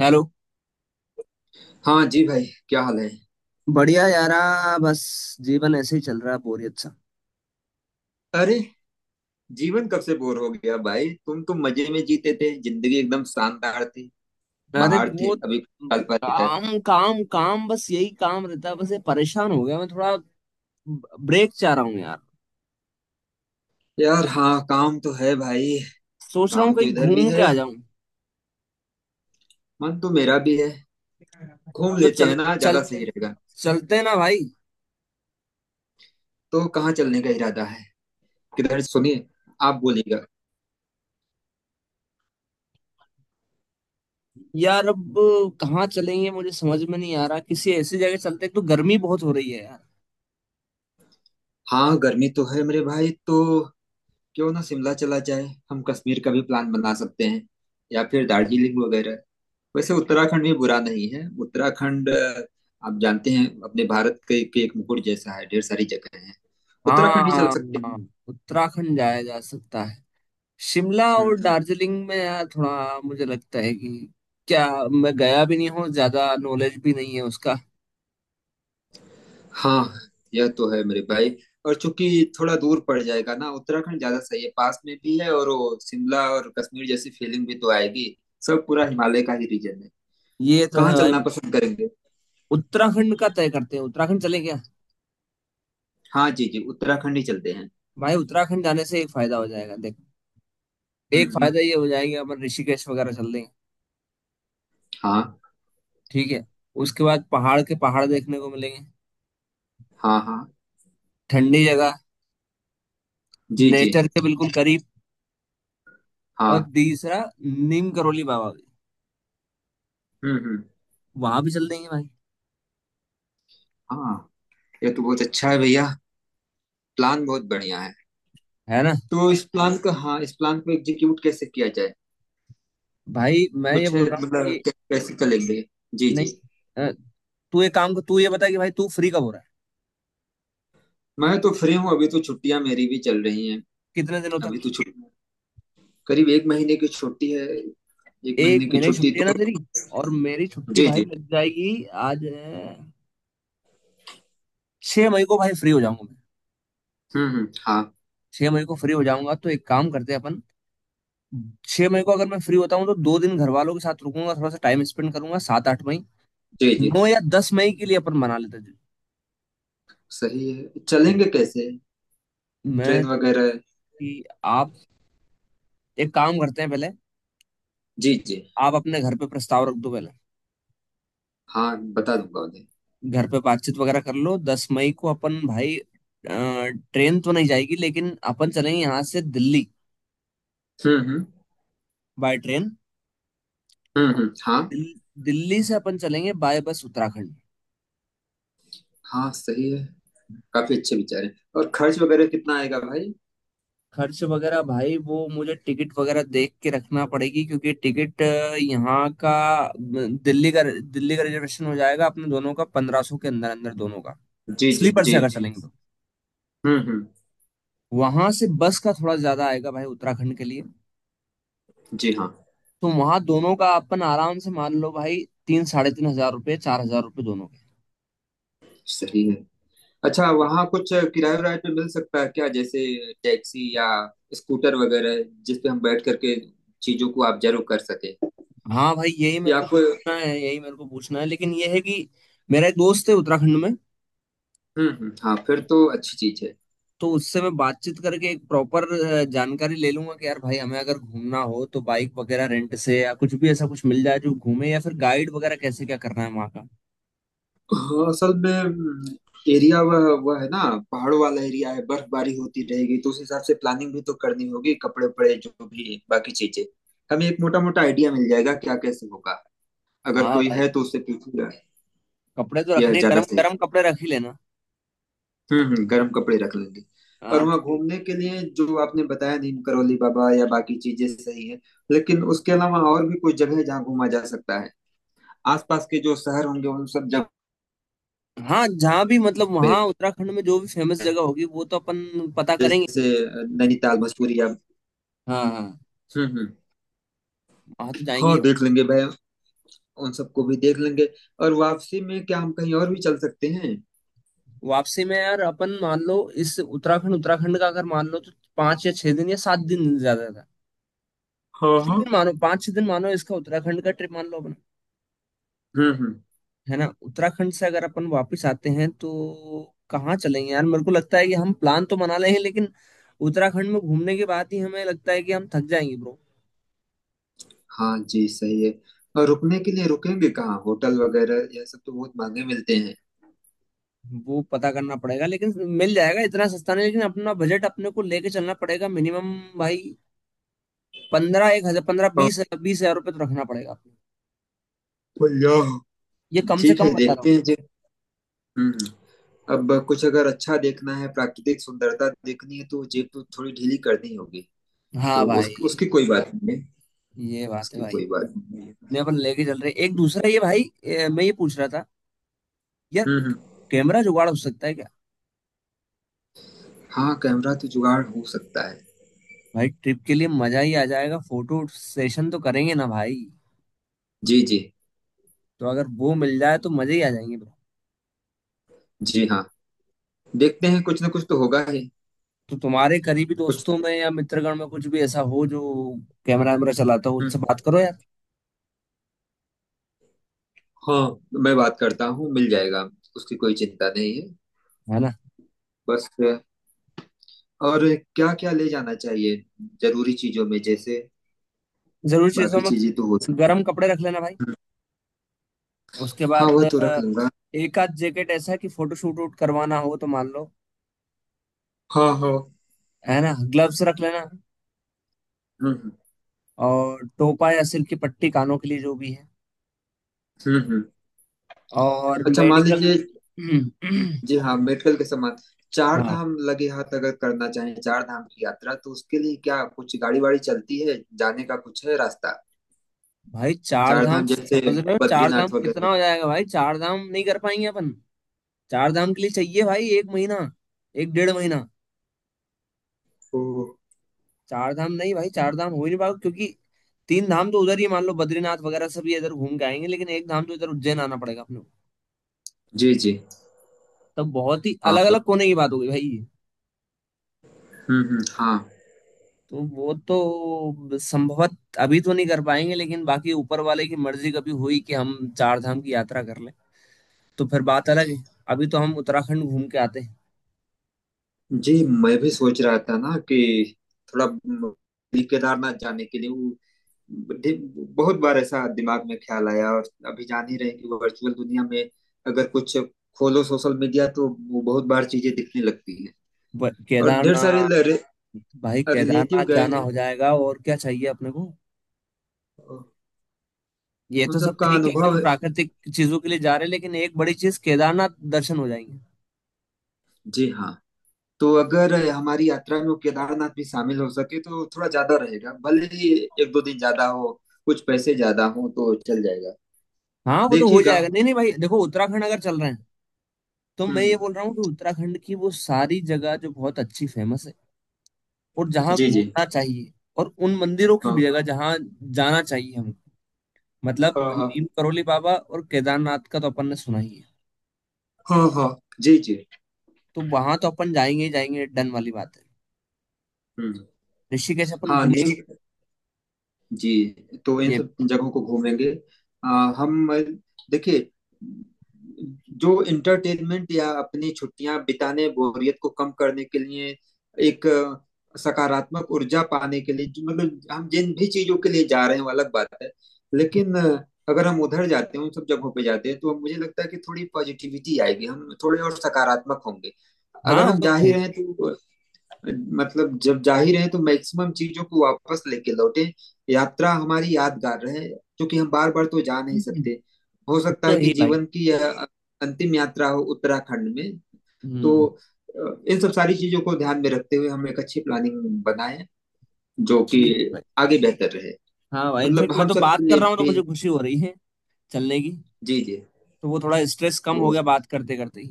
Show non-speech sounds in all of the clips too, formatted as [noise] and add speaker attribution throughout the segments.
Speaker 1: Hello.
Speaker 2: हाँ जी भाई। क्या हाल है।
Speaker 1: बढ़िया यारा। बस जीवन ऐसे ही चल रहा है, बोरियत सा।
Speaker 2: अरे जीवन कब से बोर हो गया भाई तुम तो मजे में जीते थे। जिंदगी एकदम शानदार थी।
Speaker 1: अरे
Speaker 2: बाहर थे
Speaker 1: वो
Speaker 2: अभी साल पहले तक।
Speaker 1: काम काम काम, बस यही काम रहता है। बस ये परेशान हो गया, मैं थोड़ा ब्रेक चाह रहा हूँ यार।
Speaker 2: यार हाँ, काम तो है भाई।
Speaker 1: सोच रहा हूँ
Speaker 2: काम तो
Speaker 1: कहीं
Speaker 2: इधर भी
Speaker 1: घूम के
Speaker 2: है।
Speaker 1: आ जाऊं।
Speaker 2: मन तो मेरा भी है। घूम
Speaker 1: तो
Speaker 2: लेते
Speaker 1: चल
Speaker 2: हैं ना,
Speaker 1: चल
Speaker 2: ज्यादा सही रहेगा।
Speaker 1: चलते हैं ना भाई।
Speaker 2: तो कहाँ चलने का इरादा है? किधर सुनिए। आप बोलिएगा।
Speaker 1: यार अब कहाँ चलेंगे मुझे समझ में नहीं आ रहा। किसी ऐसी जगह चलते हैं, एक तो गर्मी बहुत हो रही है यार।
Speaker 2: हाँ, गर्मी तो है मेरे भाई। तो क्यों ना शिमला चला जाए। हम कश्मीर का भी प्लान बना सकते हैं। या फिर दार्जिलिंग वगैरह। वैसे उत्तराखंड भी बुरा नहीं है। उत्तराखंड आप जानते हैं अपने भारत के, एक मुकुट जैसा है। ढेर सारी जगह है। उत्तराखंड ही चल
Speaker 1: हाँ।
Speaker 2: सकते हैं।
Speaker 1: उत्तराखंड जाया जा सकता। शिमला और
Speaker 2: हम्म।
Speaker 1: दार्जिलिंग में यार थोड़ा मुझे लगता है कि क्या, मैं गया भी नहीं हूँ, ज्यादा नॉलेज भी नहीं है उसका।
Speaker 2: हाँ, यह तो है मेरे भाई। और चूंकि थोड़ा दूर पड़ जाएगा ना, उत्तराखंड ज्यादा सही है। पास में भी है और वो शिमला और कश्मीर जैसी फीलिंग भी तो आएगी। सब पूरा हिमालय का ही रीजन है।
Speaker 1: ये तो
Speaker 2: कहाँ
Speaker 1: है भाई।
Speaker 2: चलना पसंद करेंगे?
Speaker 1: उत्तराखंड का तय करते हैं, उत्तराखंड चले क्या?
Speaker 2: हाँ जी जी, उत्तराखंड ही चलते हैं।
Speaker 1: भाई उत्तराखंड जाने से एक फायदा हो जाएगा, देख।
Speaker 2: हम्म
Speaker 1: एक
Speaker 2: हम्म,
Speaker 1: फायदा ये हो जाएगा, अपन ऋषिकेश वगैरह चल देंगे।
Speaker 2: हाँ।
Speaker 1: ठीक है। उसके बाद पहाड़ के पहाड़ देखने को मिलेंगे।
Speaker 2: हाँ हाँ।
Speaker 1: ठंडी जगह।
Speaker 2: जी जी।
Speaker 1: नेचर के बिल्कुल करीब। और
Speaker 2: हाँ।
Speaker 1: तीसरा, नीम करोली बाबा भी,
Speaker 2: हम्म हम्म,
Speaker 1: वहां भी चल देंगे भाई।
Speaker 2: हाँ। ये तो बहुत अच्छा है भैया। प्लान बहुत बढ़िया है।
Speaker 1: है ना।
Speaker 2: तो इस प्लान का, हाँ, इस प्लान को एग्जीक्यूट कैसे किया जाए?
Speaker 1: भाई मैं ये
Speaker 2: कुछ है
Speaker 1: बोल रहा हूँ
Speaker 2: मतलब
Speaker 1: कि
Speaker 2: कैसे करेंगे? जी जी।
Speaker 1: नहीं, तू एक काम कर। तू ये बता कि भाई तू फ्री कब हो रहा है।
Speaker 2: मैं तो फ्री हूँ, अभी तो छुट्टियां मेरी भी चल रही हैं।
Speaker 1: कितने दिनों
Speaker 2: अभी
Speaker 1: तक?
Speaker 2: तो छुट्टी करीब एक महीने की छुट्टी है। एक
Speaker 1: एक
Speaker 2: महीने की
Speaker 1: महीने की
Speaker 2: छुट्टी,
Speaker 1: छुट्टी है ना
Speaker 2: तो
Speaker 1: तेरी। और मेरी छुट्टी
Speaker 2: जी
Speaker 1: भाई
Speaker 2: जी।
Speaker 1: लग जाएगी, आज है। 6 मई को भाई फ्री हो जाऊंगा मैं।
Speaker 2: हम्म। हाँ
Speaker 1: 6 मई को फ्री हो जाऊंगा तो एक काम करते हैं अपन। 6 मई को अगर मैं फ्री होता हूँ तो 2 दिन घर वालों के साथ रुकूंगा, थोड़ा सा टाइम स्पेंड करूंगा। 7, 8 मई।
Speaker 2: जी जी,
Speaker 1: 9 या 10 मई के लिए अपन मना लेते हैं।
Speaker 2: सही है। चलेंगे कैसे?
Speaker 1: मैं
Speaker 2: ट्रेन वगैरह?
Speaker 1: कि आप एक काम करते हैं पहले।
Speaker 2: जी जी।
Speaker 1: आप अपने घर पे प्रस्ताव रख दो पहले।
Speaker 2: हाँ, बता दूंगा उन्हें।
Speaker 1: घर पे बातचीत वगैरह कर लो। 10 मई को अपन भाई ट्रेन तो नहीं जाएगी, लेकिन अपन चलेंगे यहाँ से दिल्ली
Speaker 2: हम्म।
Speaker 1: By train.
Speaker 2: हाँ।
Speaker 1: दिल्ली से अपन चलेंगे बाय बस उत्तराखंड।
Speaker 2: हाँ, सही है। काफी अच्छे विचार हैं और खर्च वगैरह कितना आएगा भाई?
Speaker 1: खर्च वगैरह भाई वो मुझे टिकट वगैरह देख के रखना पड़ेगी, क्योंकि टिकट यहाँ का दिल्ली का रिजर्वेशन हो जाएगा अपने दोनों का, 1500 के अंदर अंदर दोनों का।
Speaker 2: जी जी
Speaker 1: स्लीपर से
Speaker 2: जी।
Speaker 1: अगर चलेंगे तो।
Speaker 2: हम्म।
Speaker 1: वहां से बस का थोड़ा ज्यादा आएगा भाई उत्तराखंड के लिए।
Speaker 2: जी हाँ,
Speaker 1: तो वहां दोनों का अपन आराम से मान लो भाई, तीन साढ़े तीन हजार रुपये, 4000 रुपये दोनों के।
Speaker 2: सही है। अच्छा, वहाँ कुछ किराए वराए पे मिल सकता है क्या? जैसे टैक्सी या स्कूटर वगैरह जिस पे हम बैठ करके चीजों को ऑब्जर्व कर सके
Speaker 1: हाँ भाई, यही मेरे
Speaker 2: या
Speaker 1: को
Speaker 2: कोई।
Speaker 1: पूछना है, यही मेरे को पूछना है, लेकिन यह है कि मेरा एक दोस्त है उत्तराखंड में।
Speaker 2: हम्म, हाँ, फिर तो अच्छी चीज है।
Speaker 1: तो उससे मैं बातचीत करके एक प्रॉपर जानकारी ले लूंगा कि यार भाई हमें अगर घूमना हो तो बाइक वगैरह रेंट से या कुछ भी ऐसा कुछ मिल जाए जो घूमे, या फिर गाइड वगैरह कैसे, क्या करना है वहाँ का।
Speaker 2: हाँ, असल में एरिया वह है ना। पहाड़ों वाला एरिया है, बर्फबारी होती रहेगी तो उस हिसाब से प्लानिंग भी तो करनी होगी, कपड़े उपड़े जो भी बाकी चीजें। हमें एक मोटा मोटा आइडिया मिल जाएगा क्या कैसे होगा? अगर
Speaker 1: हाँ
Speaker 2: कोई
Speaker 1: भाई,
Speaker 2: है तो उससे पूछूंगा।
Speaker 1: कपड़े तो
Speaker 2: यह
Speaker 1: रखने
Speaker 2: ज्यादा
Speaker 1: गर्म
Speaker 2: सही।
Speaker 1: गर्म कपड़े रख ही लेना।
Speaker 2: गर्म कपड़े रख लेंगे। और
Speaker 1: हाँ
Speaker 2: वहाँ
Speaker 1: क्योंकि।
Speaker 2: घूमने के लिए जो आपने बताया नीम करौली बाबा या बाकी चीजें सही है। लेकिन उसके अलावा और भी कोई जगह है जहाँ घूमा जा सकता है? आसपास के जो शहर होंगे, उन सब जगह
Speaker 1: हाँ जहाँ भी मतलब वहाँ
Speaker 2: पे।
Speaker 1: उत्तराखंड में जो भी फेमस जगह होगी वो तो अपन पता करेंगे
Speaker 2: जैसे
Speaker 1: ही।
Speaker 2: नैनीताल, मसूरी या।
Speaker 1: हाँ हाँ।
Speaker 2: हम्म।
Speaker 1: हाँ, तो जाएंगे
Speaker 2: हाँ,
Speaker 1: ही भाई।
Speaker 2: देख लेंगे भाई। उन सबको भी देख लेंगे। और वापसी में क्या हम कहीं और भी चल सकते हैं?
Speaker 1: वापसी में यार अपन मान लो, इस उत्तराखंड उत्तराखंड का अगर मान लो तो 5 या 6 दिन या 7 दिन ज्यादा था।
Speaker 2: हाँ
Speaker 1: छह
Speaker 2: हाँ।
Speaker 1: दिन मानो, 5-6 दिन मानो, इसका उत्तराखंड का ट्रिप मान लो अपन।
Speaker 2: हम्म।
Speaker 1: है ना? उत्तराखंड से अगर अपन वापस आते हैं तो कहाँ चलेंगे यार? मेरे को लगता है कि हम प्लान तो बना लें, लेकिन उत्तराखंड में घूमने के बाद ही हमें लगता है कि हम थक जाएंगे ब्रो।
Speaker 2: हाँ जी, सही है। और रुकने के लिए रुकेंगे कहाँ, होटल वगैरह यह सब तो बहुत महंगे मिलते हैं।
Speaker 1: वो पता करना पड़ेगा, लेकिन मिल जाएगा। इतना सस्ता नहीं, लेकिन अपना बजट अपने को लेके चलना पड़ेगा। मिनिमम भाई पंद्रह, एक हजार पंद्रह,
Speaker 2: हाँ,
Speaker 1: बीस, 20000 रुपये तो रखना पड़ेगा अपने।
Speaker 2: भैया,
Speaker 1: ये कम से
Speaker 2: ठीक
Speaker 1: कम
Speaker 2: है,
Speaker 1: बता रहा हूँ।
Speaker 2: देखते हैं जे। हम्म अब कुछ अगर अच्छा देखना है, प्राकृतिक सुंदरता देखनी है, तो जेब तो थोड़ी ढीली करनी होगी।
Speaker 1: हाँ
Speaker 2: तो
Speaker 1: भाई।
Speaker 2: उसकी कोई बात नहीं है।
Speaker 1: ये बात है
Speaker 2: उसकी
Speaker 1: भाई।
Speaker 2: कोई बात नहीं है।
Speaker 1: मैं अपन लेके चल रहे हैं। एक दूसरा ये भाई, मैं ये पूछ रहा था यार,
Speaker 2: हम्म हम्म,
Speaker 1: कैमरा जुगाड़ हो सकता है क्या?
Speaker 2: हाँ। कैमरा तो जुगाड़ हो सकता है।
Speaker 1: भाई ट्रिप के लिए मजा ही आ जाएगा, फोटो सेशन तो करेंगे ना भाई।
Speaker 2: जी जी
Speaker 1: तो अगर वो मिल जाए तो मजे ही आ जाएंगे bro।
Speaker 2: जी। हाँ, देखते हैं, कुछ ना कुछ तो होगा ही।
Speaker 1: तो तुम्हारे करीबी
Speaker 2: कुछ।
Speaker 1: दोस्तों में या मित्रगण में कुछ भी ऐसा हो जो कैमरा वैमरा चलाता हो,
Speaker 2: हम्म,
Speaker 1: उनसे बात करो यार।
Speaker 2: हाँ। मैं बात करता हूँ, मिल जाएगा। उसकी कोई चिंता नहीं है।
Speaker 1: है ना।
Speaker 2: बस और क्या क्या ले जाना चाहिए जरूरी चीजों में, जैसे।
Speaker 1: जरूरी चीजों
Speaker 2: बाकी
Speaker 1: में
Speaker 2: चीजें तो हो सकती
Speaker 1: गर्म कपड़े रख लेना भाई।
Speaker 2: हैं।
Speaker 1: उसके
Speaker 2: हाँ,
Speaker 1: बाद
Speaker 2: वह तो रख लूंगा।
Speaker 1: एक आध जैकेट ऐसा कि फोटो शूट वूट करवाना हो, तो मान लो।
Speaker 2: हाँ हाँ।
Speaker 1: है ना, ग्लव्स रख लेना।
Speaker 2: हम्म
Speaker 1: और टोपा या सिर की पट्टी, कानों के लिए, जो भी है।
Speaker 2: हम्म। हम्म।
Speaker 1: और
Speaker 2: अच्छा, मान
Speaker 1: मेडिकल।
Speaker 2: लीजिए।
Speaker 1: हम्म।
Speaker 2: जी
Speaker 1: [clears throat]
Speaker 2: हाँ, मेडिकल के समान। चार
Speaker 1: हाँ
Speaker 2: धाम लगे हाथ अगर करना चाहें, चार धाम की यात्रा, तो उसके लिए क्या कुछ गाड़ी वाड़ी चलती है? जाने का कुछ है रास्ता?
Speaker 1: भाई, चार
Speaker 2: चार
Speaker 1: धाम
Speaker 2: धाम जैसे
Speaker 1: समझ रहे हो? चार धाम
Speaker 2: बद्रीनाथ
Speaker 1: कितना
Speaker 2: वगैरह।
Speaker 1: हो जाएगा भाई, चार धाम नहीं कर पाएंगे अपन। चार धाम के लिए चाहिए भाई 1 महीना, एक डेढ़ महीना।
Speaker 2: ओ।
Speaker 1: चार धाम नहीं भाई, चार धाम हो ही नहीं पाएगा, क्योंकि 3 धाम तो उधर ही मान लो, बद्रीनाथ वगैरह सब ये इधर घूम के आएंगे, लेकिन 1 धाम तो इधर उज्जैन आना पड़ेगा अपने को।
Speaker 2: जी जी,
Speaker 1: तब बहुत ही
Speaker 2: हाँ।
Speaker 1: अलग अलग कोने की बात हो गई भाई।
Speaker 2: हाँ।
Speaker 1: तो वो तो संभवत अभी तो नहीं कर पाएंगे, लेकिन बाकी ऊपर वाले की मर्जी कभी हुई कि हम चार धाम की यात्रा कर लें, तो फिर बात अलग है। अभी तो हम उत्तराखंड घूम के आते हैं।
Speaker 2: जी, मैं भी सोच रहा था ना कि थोड़ा केदारनाथ जाने के लिए ढि- बहुत बार ऐसा दिमाग में ख्याल आया। और अभी जान ही रहे हैं कि वर्चुअल दुनिया में अगर कुछ खोलो सोशल मीडिया तो वो बहुत बार चीजें दिखने लगती हैं। और ढेर सारे
Speaker 1: केदारनाथ। भाई
Speaker 2: रिलेटिव
Speaker 1: केदारनाथ
Speaker 2: गए
Speaker 1: जाना
Speaker 2: हैं।
Speaker 1: हो जाएगा, और क्या चाहिए अपने को। ये
Speaker 2: उन
Speaker 1: तो सब
Speaker 2: सबका
Speaker 1: ठीक है, अपन
Speaker 2: अनुभव है।
Speaker 1: प्राकृतिक चीजों के लिए जा रहे हैं, लेकिन एक बड़ी चीज, केदारनाथ दर्शन हो जाएंगे।
Speaker 2: जी हाँ। तो अगर हमारी यात्रा में केदारनाथ भी शामिल हो सके तो थोड़ा ज्यादा रहेगा, भले ही एक दो दिन ज्यादा हो, कुछ पैसे ज्यादा हो तो चल जाएगा।
Speaker 1: हाँ वो तो हो
Speaker 2: देखिएगा।
Speaker 1: जाएगा। नहीं नहीं भाई देखो, उत्तराखंड अगर चल रहे हैं तो
Speaker 2: हम्म
Speaker 1: मैं
Speaker 2: हम्म।
Speaker 1: ये बोल रहा हूँ कि उत्तराखंड की वो सारी जगह जो बहुत अच्छी फेमस है और जहाँ
Speaker 2: जी जी।
Speaker 1: घूमना चाहिए, और उन मंदिरों की
Speaker 2: हाँ
Speaker 1: भी जगह जहाँ जाना चाहिए हमको। मतलब
Speaker 2: हाँ
Speaker 1: नीम
Speaker 2: हाँ
Speaker 1: करोली बाबा और केदारनाथ का तो अपन ने सुना ही है।
Speaker 2: हाँ हाँ। जी जी।
Speaker 1: तो वहां तो अपन जाएंगे ही जाएंगे, डन वाली बात है।
Speaker 2: हम्म।
Speaker 1: ऋषिकेश अपन
Speaker 2: हाँ,
Speaker 1: घूमेंगे।
Speaker 2: नहीं जी। तो इन
Speaker 1: ये।
Speaker 2: सब जगहों को घूमेंगे। आ, हम देखिए, जो इंटरटेनमेंट या अपनी छुट्टियां बिताने, बोरियत को कम करने के लिए, एक सकारात्मक ऊर्जा पाने के लिए, जो मतलब हम जिन भी चीजों के लिए जा रहे हैं वो अलग बात है। लेकिन अगर हम उधर जाते हैं, उन सब जगहों पे जाते हैं, तो मुझे लगता है कि थोड़ी पॉजिटिविटी आएगी, हम थोड़े और सकारात्मक होंगे।
Speaker 1: हाँ
Speaker 2: अगर हम
Speaker 1: वो
Speaker 2: जा
Speaker 1: तो है
Speaker 2: ही रहे
Speaker 1: ही।
Speaker 2: हैं तो मतलब जब जाहिर है तो मैक्सिमम चीजों को वापस लेके लौटे यात्रा हमारी यादगार रहे, क्योंकि हम बार बार तो जा नहीं
Speaker 1: हम्म।
Speaker 2: सकते। हो
Speaker 1: वो
Speaker 2: सकता
Speaker 1: तो
Speaker 2: है
Speaker 1: है
Speaker 2: कि
Speaker 1: ही भाई।
Speaker 2: जीवन की यह अंतिम यात्रा हो उत्तराखंड में। तो
Speaker 1: हम्म।
Speaker 2: इन सब सारी चीजों को ध्यान में रखते हुए हम एक अच्छी प्लानिंग बनाएं जो कि
Speaker 1: ठीक है भाई।
Speaker 2: आगे बेहतर रहे,
Speaker 1: हाँ भाई
Speaker 2: मतलब
Speaker 1: इनफेक्ट मैं
Speaker 2: हम
Speaker 1: तो
Speaker 2: सबके
Speaker 1: बात कर
Speaker 2: लिए
Speaker 1: रहा हूँ तो
Speaker 2: भी।
Speaker 1: मुझे खुशी हो रही है चलने की।
Speaker 2: जी जी।
Speaker 1: तो वो थोड़ा स्ट्रेस कम हो
Speaker 2: तो
Speaker 1: गया बात करते करते ही।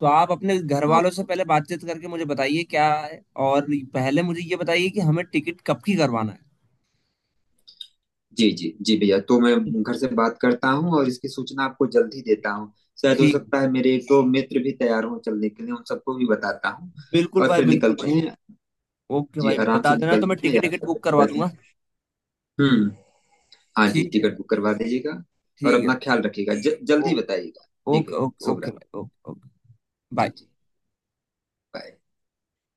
Speaker 1: तो आप अपने घर
Speaker 2: हाँ
Speaker 1: वालों से पहले बातचीत करके मुझे बताइए क्या है। और पहले मुझे ये बताइए कि हमें टिकट कब की करवाना
Speaker 2: जी जी जी भैया, तो
Speaker 1: है।
Speaker 2: मैं घर से बात करता हूँ और इसकी सूचना आपको जल्द ही देता हूँ। शायद हो
Speaker 1: ठीक।
Speaker 2: सकता है मेरे एक दो मित्र भी तैयार हों चलने के लिए, उन सबको भी बताता हूँ।
Speaker 1: बिल्कुल
Speaker 2: और
Speaker 1: भाई,
Speaker 2: फिर
Speaker 1: बिल्कुल
Speaker 2: निकलते
Speaker 1: भाई।
Speaker 2: हैं।
Speaker 1: ओके
Speaker 2: जी,
Speaker 1: भाई
Speaker 2: आराम
Speaker 1: बता
Speaker 2: से
Speaker 1: देना तो मैं
Speaker 2: निकलते हैं,
Speaker 1: टिकट टिकट
Speaker 2: यात्रा
Speaker 1: बुक
Speaker 2: करते
Speaker 1: करवा
Speaker 2: जाते हैं।
Speaker 1: दूंगा।
Speaker 2: हम्म। हाँ जी,
Speaker 1: ठीक है
Speaker 2: टिकट
Speaker 1: भाई।
Speaker 2: बुक करवा दीजिएगा। और
Speaker 1: ठीक है
Speaker 2: अपना ख्याल
Speaker 1: भाई।
Speaker 2: रखिएगा,
Speaker 1: ओ,
Speaker 2: जल्दी बताइएगा। ठीक
Speaker 1: ओके
Speaker 2: है।
Speaker 1: ओके
Speaker 2: शुभ
Speaker 1: ओके
Speaker 2: रात्रि।
Speaker 1: भाई ओके ओके।
Speaker 2: जी
Speaker 1: बाय।
Speaker 2: जी। बाय।